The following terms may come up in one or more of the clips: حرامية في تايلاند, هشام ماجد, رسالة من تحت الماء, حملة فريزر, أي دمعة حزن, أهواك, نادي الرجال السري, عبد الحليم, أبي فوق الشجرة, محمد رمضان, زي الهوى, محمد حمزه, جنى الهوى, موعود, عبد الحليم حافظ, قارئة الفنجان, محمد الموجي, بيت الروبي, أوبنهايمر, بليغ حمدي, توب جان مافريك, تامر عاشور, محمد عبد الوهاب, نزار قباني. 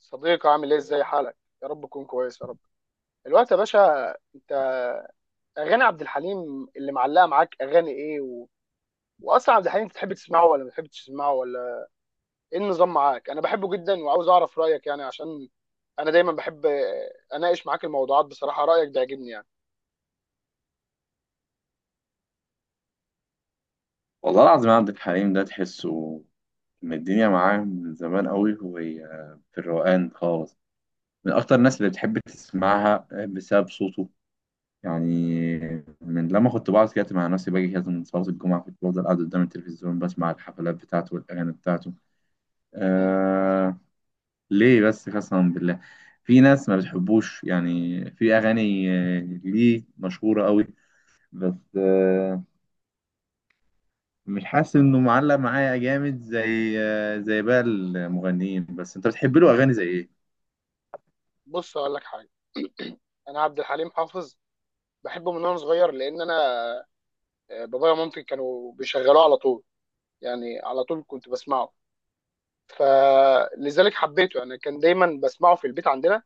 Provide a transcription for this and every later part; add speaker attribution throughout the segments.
Speaker 1: صديقي، عامل ايه، ازاي حالك؟ يا رب تكون كويس، يا رب الوقت يا باشا. انت اغاني عبد الحليم اللي معلقه معاك اغاني ايه واصلا عبد الحليم بتحب تسمعه ولا ما بتحبش تسمعه؟ ولا ايه النظام معاك؟ انا بحبه جدا وعاوز اعرف رايك يعني، عشان انا دايما بحب اناقش معاك الموضوعات. بصراحه رايك بيعجبني يعني.
Speaker 2: والله العظيم، عبد الحليم ده تحسه من الدنيا معاه من زمان قوي. هو في الروقان خالص، من أكتر الناس اللي بتحب تسمعها بسبب صوته. يعني من لما كنت بقعد كده مع نفسي باجي كده من صلاة الجمعة، كنت بفضل قاعد قدام التلفزيون بسمع الحفلات بتاعته والأغاني بتاعته.
Speaker 1: مم.
Speaker 2: آه ليه بس؟ قسما بالله في ناس ما بتحبوش، يعني في أغاني ليه مشهورة قوي، بس مش حاسس انه معلق معايا جامد زي بقى المغنيين. بس انت بتحب له اغاني زي ايه؟
Speaker 1: بص اقول لك حاجه. انا عبد الحليم حافظ بحبه من وانا صغير، لان انا بابايا ومامتي كانوا بيشغلوه على طول، يعني على طول كنت بسمعه، فلذلك حبيته. انا كان دايما بسمعه في البيت عندنا.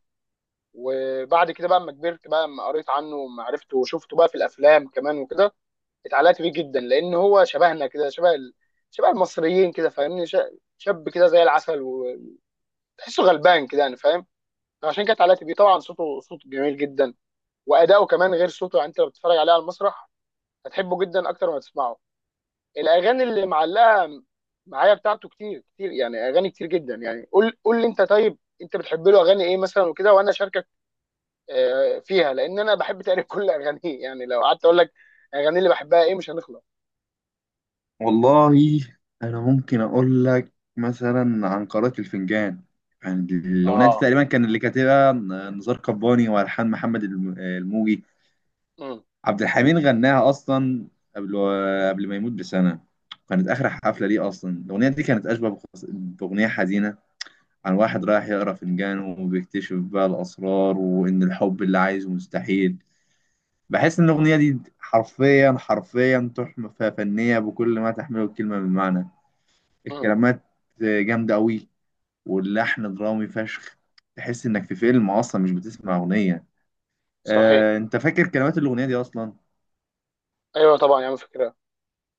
Speaker 1: وبعد كده بقى، اما كبرت بقى، اما قريت عنه وما عرفته وشفته بقى في الافلام كمان وكده، اتعلقت بيه جدا، لان هو شبهنا كده، شبه المصريين كده، فاهمني؟ شاب كده زي العسل، وتحسه غلبان كده، يعني فاهم. فعشان كده اتعلقت بيه. طبعا صوته صوت جميل جدا، واداؤه كمان غير صوته. يعني انت لو بتتفرج عليه على المسرح هتحبه جدا اكتر ما تسمعه. الاغاني اللي معلقه معايا بتاعته كتير كتير، يعني اغاني كتير جدا. يعني قول لي انت، طيب انت بتحب له اغاني ايه مثلا وكده، وانا اشاركك فيها، لان انا بحب تقريبا كل اغانيه. يعني لو قعدت اقول لك اغاني اللي بحبها ايه مش هنخلص.
Speaker 2: والله انا ممكن اقول لك مثلا عن قارئة الفنجان. يعني الاغنيه دي
Speaker 1: اه.
Speaker 2: تقريبا كان اللي كاتبها نزار قباني، والحان محمد الموجي.
Speaker 1: امم.
Speaker 2: عبد الحميد غناها اصلا قبل قبل ما يموت بسنه، كانت اخر حفله ليه. اصلا الاغنيه دي كانت اشبه باغنيه حزينه عن واحد رايح يقرا فنجان وبيكتشف بقى الاسرار، وان الحب اللي عايزه مستحيل. بحس ان الاغنيه دي حرفيا حرفيا تحفه فنيه بكل ما تحمله الكلمه من معنى.
Speaker 1: امم.
Speaker 2: الكلمات جامده قوي، واللحن درامي فشخ، تحس انك في فيلم اصلا مش بتسمع اغنيه.
Speaker 1: صحيح.
Speaker 2: انت فاكر كلمات الاغنيه دي اصلا؟
Speaker 1: ايوه طبعا يا عم، فكره.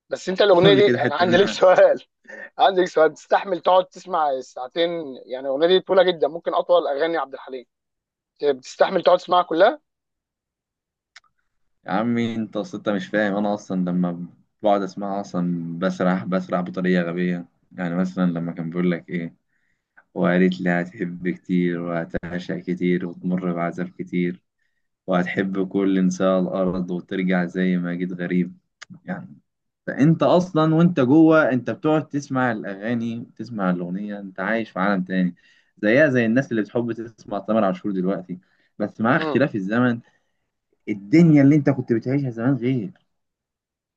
Speaker 1: بس انت الاغنيه
Speaker 2: قول لي كده
Speaker 1: دي انا
Speaker 2: حته
Speaker 1: عندي لك
Speaker 2: منها.
Speaker 1: سؤال. عندي لك سؤال، تستحمل تقعد تسمع ساعتين؟ يعني الاغنيه دي طويله جدا، ممكن اطول اغاني عبد الحليم. بتستحمل تقعد تسمعها كلها؟
Speaker 2: يا عمي انت اصلا، انت مش فاهم. انا اصلا لما بقعد اسمعها اصلا بسرح بسرح بطريقه غبيه. يعني مثلا لما كان بيقول لك ايه، وقالت لي هتحب كتير وهتعشق كتير وتمر بعذاب كتير، وهتحب كل نساء الأرض وترجع زي ما جيت غريب. يعني فأنت أصلا وأنت جوه، أنت بتقعد تسمع الأغاني، تسمع الأغنية أنت عايش في عالم تاني. زيها زي الناس اللي بتحب تسمع تامر عاشور دلوقتي، بس مع
Speaker 1: امم.
Speaker 2: اختلاف الزمن. الدنيا اللي أنت كنت بتعيشها زمان غير،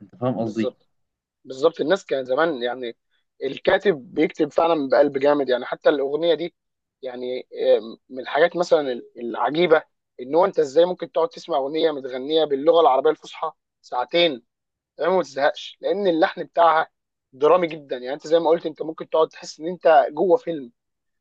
Speaker 2: أنت فاهم قصدي؟
Speaker 1: بالظبط. بالظبط الناس كان زمان يعني، الكاتب بيكتب فعلا بقلب جامد. يعني حتى الأغنية دي يعني، من الحاجات مثلا العجيبة، إن هو أنت إزاي ممكن تقعد تسمع أغنية متغنية باللغة العربية الفصحى ساعتين، تمام، وما تزهقش، لأن اللحن بتاعها درامي جدا. يعني أنت زي ما قلت، أنت ممكن تقعد تحس إن أنت جوه فيلم.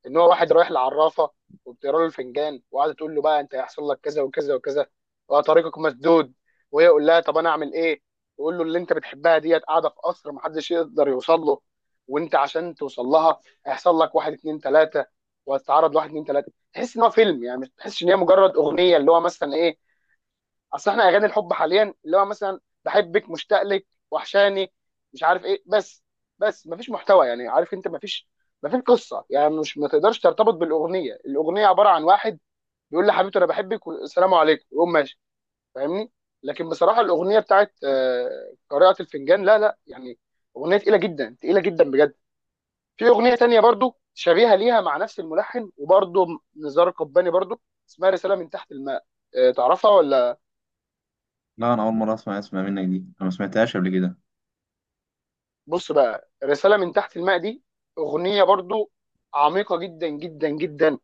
Speaker 1: ان هو واحد رايح لعرافه، وبتقرا له الفنجان، وقاعده تقول له بقى انت هيحصل لك كذا وكذا وكذا، وطريقك مسدود. وهي يقول لها طب انا اعمل ايه؟ يقول له اللي انت بتحبها ديت قاعده في قصر محدش يقدر يوصل له، وانت عشان توصل لها هيحصل لك واحد اتنين تلاته، وهتتعرض لواحد اتنين تلاته. تحس ان هو فيلم يعني، مش تحسش ان هي مجرد اغنيه اللي هو مثلا ايه. اصل احنا اغاني الحب حاليا، اللي هو مثلا بحبك، مشتاق لك، وحشاني، مش عارف ايه، بس مفيش محتوى. يعني عارف انت، مفيش قصه يعني، مش ما تقدرش ترتبط بالاغنيه. الاغنيه عباره عن واحد بيقول لحبيبته انا بحبك والسلام عليكم ويقوم ماشي. فاهمني؟ لكن بصراحه الاغنيه بتاعت قارئة الفنجان، لا لا، يعني اغنيه تقيله جدا، تقيله جدا بجد. في اغنيه تانية برضو شبيهه ليها، مع نفس الملحن، وبرضو نزار قباني برضو، اسمها رساله من تحت الماء. تعرفها ولا؟
Speaker 2: لا، أنا أول مرة اسمع منك دي، أنا ما سمعتهاش قبل كده.
Speaker 1: بص بقى، رسالة من تحت الماء دي أغنية برضو عميقة جدا جدا جدا.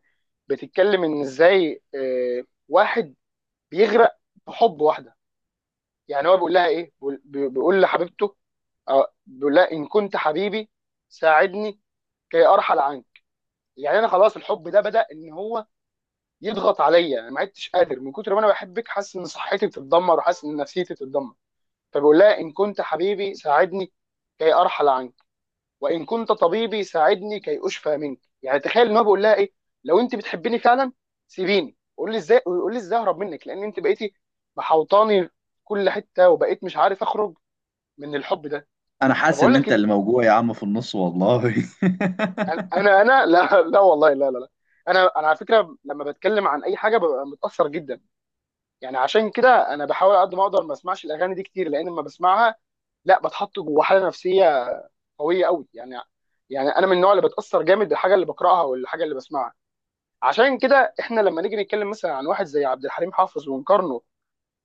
Speaker 1: بتتكلم إن إزاي واحد بيغرق في حب واحدة. يعني هو بيقول لها إيه، بيقول لحبيبته، بيقول لها، إن كنت حبيبي ساعدني كي أرحل عنك. يعني أنا خلاص الحب ده بدأ إن هو يضغط عليا، أنا ما عدتش قادر من كتر ما أنا بحبك، حاسس إن صحتي بتتدمر وحاسس إن نفسيتي بتتدمر. فبيقول لها إن كنت حبيبي ساعدني كي أرحل عنك، وان كنت طبيبي ساعدني كي اشفى منك. يعني تخيل ان هو بيقول لها ايه، لو انت بتحبيني فعلا سيبيني، قول لي ازاي، قول لي ازاي اهرب منك، لان انت بقيتي محوطاني في كل حته وبقيت مش عارف اخرج من الحب ده.
Speaker 2: أنا حاسس
Speaker 1: فبقول
Speaker 2: إن
Speaker 1: لك
Speaker 2: أنت
Speaker 1: إت-
Speaker 2: اللي موجوع يا عم في النص، والله
Speaker 1: انا انا أنا- لا لا والله، لا لا لا. انا على فكره، لما بتكلم عن اي حاجه ببقى متاثر جدا. يعني عشان كده انا بحاول على قد ما اقدر ما اسمعش الاغاني دي كتير، لان لما بسمعها لا بتحط جوه حاله نفسيه قويه قوي يعني. يعني انا من النوع اللي بتاثر جامد بالحاجه اللي بقراها والحاجه اللي بسمعها. عشان كده احنا لما نيجي نتكلم مثلا عن واحد زي عبد الحليم حافظ ونقارنه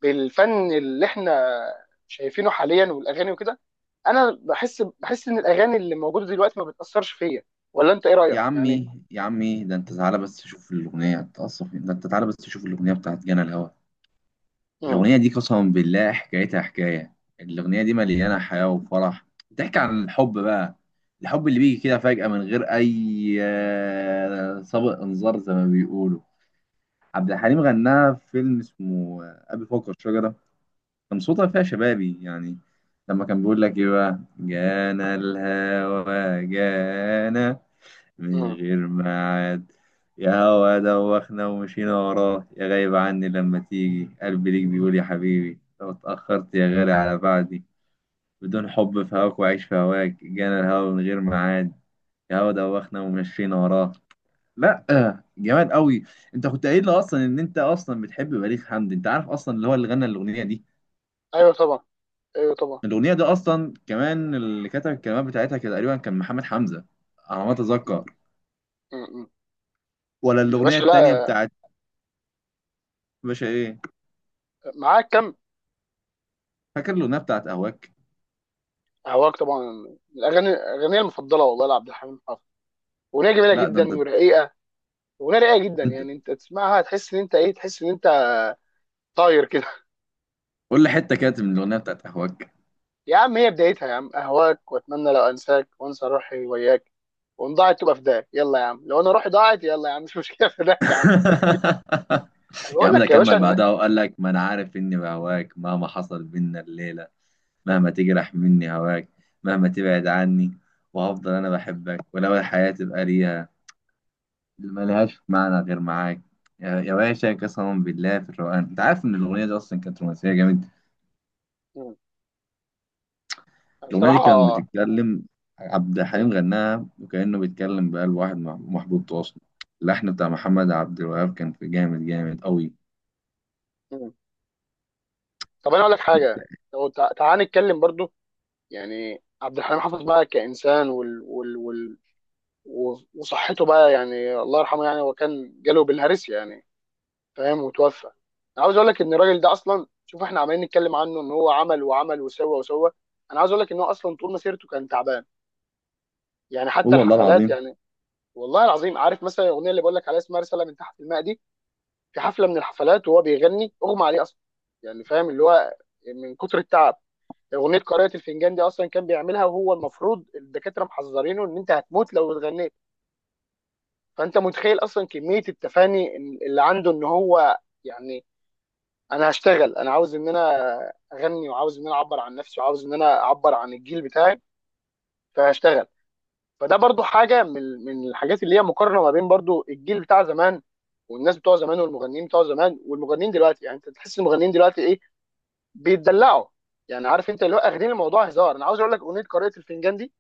Speaker 1: بالفن اللي احنا شايفينه حاليا والاغاني وكده، انا بحس ان الاغاني اللي موجوده دلوقتي ما بتاثرش فيا. ولا انت ايه رايك
Speaker 2: يا
Speaker 1: يعني؟
Speaker 2: عمي يا عمي، ده أنت تعالى بس تشوف الأغنية تقصف، ده أنت تعالى بس تشوف الأغنية بتاعت جانا الهوى.
Speaker 1: مم.
Speaker 2: الأغنية دي قسما بالله حكايتها حكاية، الأغنية دي مليانة حياة وفرح، بتحكي عن الحب بقى. الحب اللي بيجي كده فجأة من غير أي سابق إنذار زي ما بيقولوا. عبد الحليم غناها في فيلم اسمه أبي فوق الشجرة. كان صوتها فيها شبابي يعني، لما كان بيقول لك إيه بقى: جانا الهوى جانا من
Speaker 1: مم.
Speaker 2: غير ميعاد، يا هوا دوخنا ومشينا وراه، يا غايب عني لما تيجي قلبي ليك بيقول، يا حبيبي لو اتأخرت يا غالي على بعدي بدون حب في هواك، وعيش في هواك، جانا الهوا من غير ميعاد، يا هوا دوخنا ومشينا وراه. لا، جمال قوي. انت كنت قايل لي اصلا ان انت اصلا بتحب بليغ حمدي، انت عارف اصلا اللي هو اللي غنى الاغنيه دي.
Speaker 1: ايوه طبعا، ايوه طبعا.
Speaker 2: الاغنيه دي اصلا كمان اللي كتب الكلمات بتاعتها كان تقريبا كان محمد حمزه، على ما
Speaker 1: مم.
Speaker 2: اتذكر.
Speaker 1: مم.
Speaker 2: ولا
Speaker 1: يا
Speaker 2: الاغنيه
Speaker 1: باشا
Speaker 2: التانيه
Speaker 1: لا.
Speaker 2: بتاعت باشا ايه؟
Speaker 1: معاك كم.
Speaker 2: فاكر الاغنيه بتاعت اهواك؟
Speaker 1: هواك طبعا. الاغاني، الاغنيه المفضله والله لعبد الحليم حافظ. اغنيه جميله
Speaker 2: لا ده انت،
Speaker 1: جدا ورقيقه. اغنيه رقيقه جدا،
Speaker 2: انت
Speaker 1: يعني انت تسمعها تحس ان انت ايه، تحس ان انت طاير كده.
Speaker 2: قول لي حته كانت من الاغنيه بتاعت اهواك.
Speaker 1: يا عم، هي بدايتها يا عم: اهواك واتمنى لو انساك، وانسى روحي وياك، وان ضاعت تبقى فداك. يلا يا عم لو انا روحي ضاعت، يلا يا عم مش مشكله فداك يا عم. أنا
Speaker 2: يا
Speaker 1: بقول
Speaker 2: عم ده
Speaker 1: لك يا باشا
Speaker 2: كمل
Speaker 1: ان،
Speaker 2: بعدها وقال لك: ما انا عارف اني بهواك مهما حصل بينا الليله، مهما تجرح مني هواك، مهما تبعد عني، وهفضل انا بحبك، ولو الحياة تبقى ليها ملهاش معنى غير معاك. يا باشا، قسما بالله في الروقان. انت عارف ان الاغنية دي اصلا كانت رومانسية جامد.
Speaker 1: مم.
Speaker 2: الأغنية دي كانت
Speaker 1: بصراحه.
Speaker 2: بتتكلم، عبد الحليم غناها وكأنه بيتكلم بقلب واحد محبوب تواصل. اللحن بتاع محمد عبد الوهاب كان في جامد جامد قوي.
Speaker 1: مم. طب انا اقول لك
Speaker 2: انت
Speaker 1: حاجه، لو تعال نتكلم برضو. يعني عبد الحليم حافظ بقى كانسان وصحته بقى، يعني الله يرحمه، يعني هو كان جاله بالهرس يعني، فاهم، وتوفى. انا عاوز اقول لك ان الراجل ده اصلا، شوف احنا عمالين نتكلم عنه ان هو عمل وعمل وسوى وسوى، انا عاوز اقول لك ان هو اصلا طول مسيرته كان تعبان. يعني حتى
Speaker 2: هو والله
Speaker 1: الحفلات
Speaker 2: العظيم.
Speaker 1: يعني، والله العظيم، عارف مثلا الاغنيه اللي بقول لك عليها اسمها رساله من تحت الماء دي، في حفله من الحفلات وهو بيغني اغمى عليه اصلا. يعني فاهم اللي هو من كتر التعب. اغنيه قارئة الفنجان دي اصلا كان بيعملها وهو المفروض الدكاتره محذرينه ان انت هتموت لو اتغنيت. فانت متخيل اصلا كميه التفاني اللي عنده، ان هو يعني، انا هشتغل، انا عاوز ان انا اغني، وعاوز ان انا اعبر عن نفسي، وعاوز ان انا اعبر عن الجيل بتاعي، فهشتغل. فده برضو حاجه من الحاجات اللي هي مقارنه ما بين برضو الجيل بتاع زمان، والناس بتوع زمان والمغنيين بتوع زمان، والمغنيين دلوقتي. يعني انت تحس المغنيين دلوقتي ايه، بيتدلعوا يعني. عارف انت اللي هو اخدين الموضوع هزار. انا عاوز اقول لك اغنيه قارئة الفنجان دي،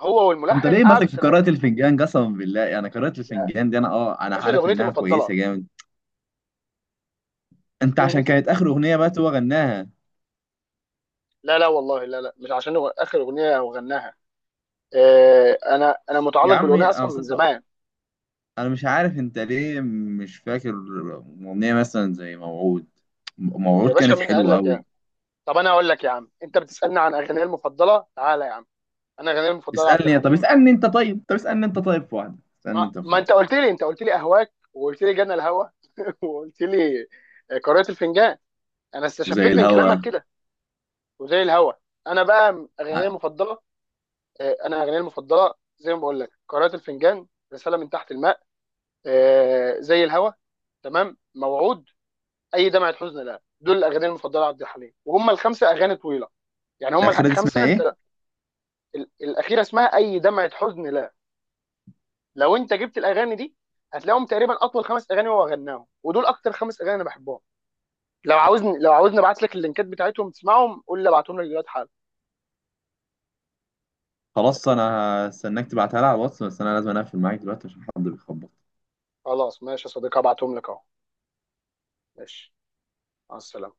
Speaker 1: هو
Speaker 2: انت
Speaker 1: والملحن
Speaker 2: ليه
Speaker 1: قعدوا
Speaker 2: ماسك في
Speaker 1: سنه.
Speaker 2: قراءة الفنجان؟ قسما بالله يعني قراءة
Speaker 1: يا
Speaker 2: الفنجان دي انا
Speaker 1: باشا دي
Speaker 2: عارف
Speaker 1: اغنيتي
Speaker 2: انها
Speaker 1: المفضله.
Speaker 2: كويسة جامد. انت
Speaker 1: دي
Speaker 2: عشان كانت
Speaker 1: اغنيتي.
Speaker 2: اخر اغنية بقى هو غناها؟
Speaker 1: لا لا والله لا لا، مش عشان هو اخر اغنيه وغناها، انا
Speaker 2: يا
Speaker 1: متعلق
Speaker 2: عمي
Speaker 1: بالاغنيه اصلا من زمان.
Speaker 2: انا مش عارف انت ليه مش فاكر اغنية مثلا زي موعود.
Speaker 1: يا
Speaker 2: موعود
Speaker 1: باشا
Speaker 2: كانت
Speaker 1: مين قال
Speaker 2: حلوة
Speaker 1: لك؟
Speaker 2: قوي.
Speaker 1: طب انا اقول لك يا عم، انت بتسالني عن اغانيه المفضله، تعالى يا عم انا اغانيه المفضله عبد
Speaker 2: اسألني، طب
Speaker 1: الحليم.
Speaker 2: اسألني انت، طيب طب اسألني انت، طيب في واحدة،
Speaker 1: ما,
Speaker 2: اسألني انت في
Speaker 1: ما
Speaker 2: واحدة
Speaker 1: انت قلت لي اهواك، وقلت لي جنى الهوى، وقلت لي قارئة الفنجان، انا
Speaker 2: وزي
Speaker 1: استشفيت من كلامك
Speaker 2: الهوا.
Speaker 1: كده. وزي الهوى. انا بقى
Speaker 2: ع-
Speaker 1: اغانيه المفضله. انا اغانيه المفضله زي ما بقول لك: قارئة الفنجان، رساله من تحت الماء، زي الهوى، تمام، موعود، اي دمعه حزن لا. دول الاغاني المفضله عبد الحليم، وهم الخمسه اغاني طويله يعني، هم
Speaker 2: الأخيرة دي اسمها
Speaker 1: الخمسه. انت
Speaker 2: إيه؟
Speaker 1: الاخيره اسمها اي دمعه حزن لا. لو انت جبت الاغاني دي هتلاقيهم تقريبا اطول خمس اغاني هو غناهم، ودول اكتر خمس اغاني انا بحبهم. لو عاوزني، لو عاوزني ابعت لك اللينكات بتاعتهم تسمعهم، قول لي ابعتهم لك دلوقتي حالا.
Speaker 2: خلاص أنا هستناك تبعتها لي على الواتس، بس أنا لازم أقفل معاك دلوقتي عشان حد بيخبط.
Speaker 1: خلاص ماشي يا صديقي، هبعتهم لك اهو. ماشي. مع السلامه.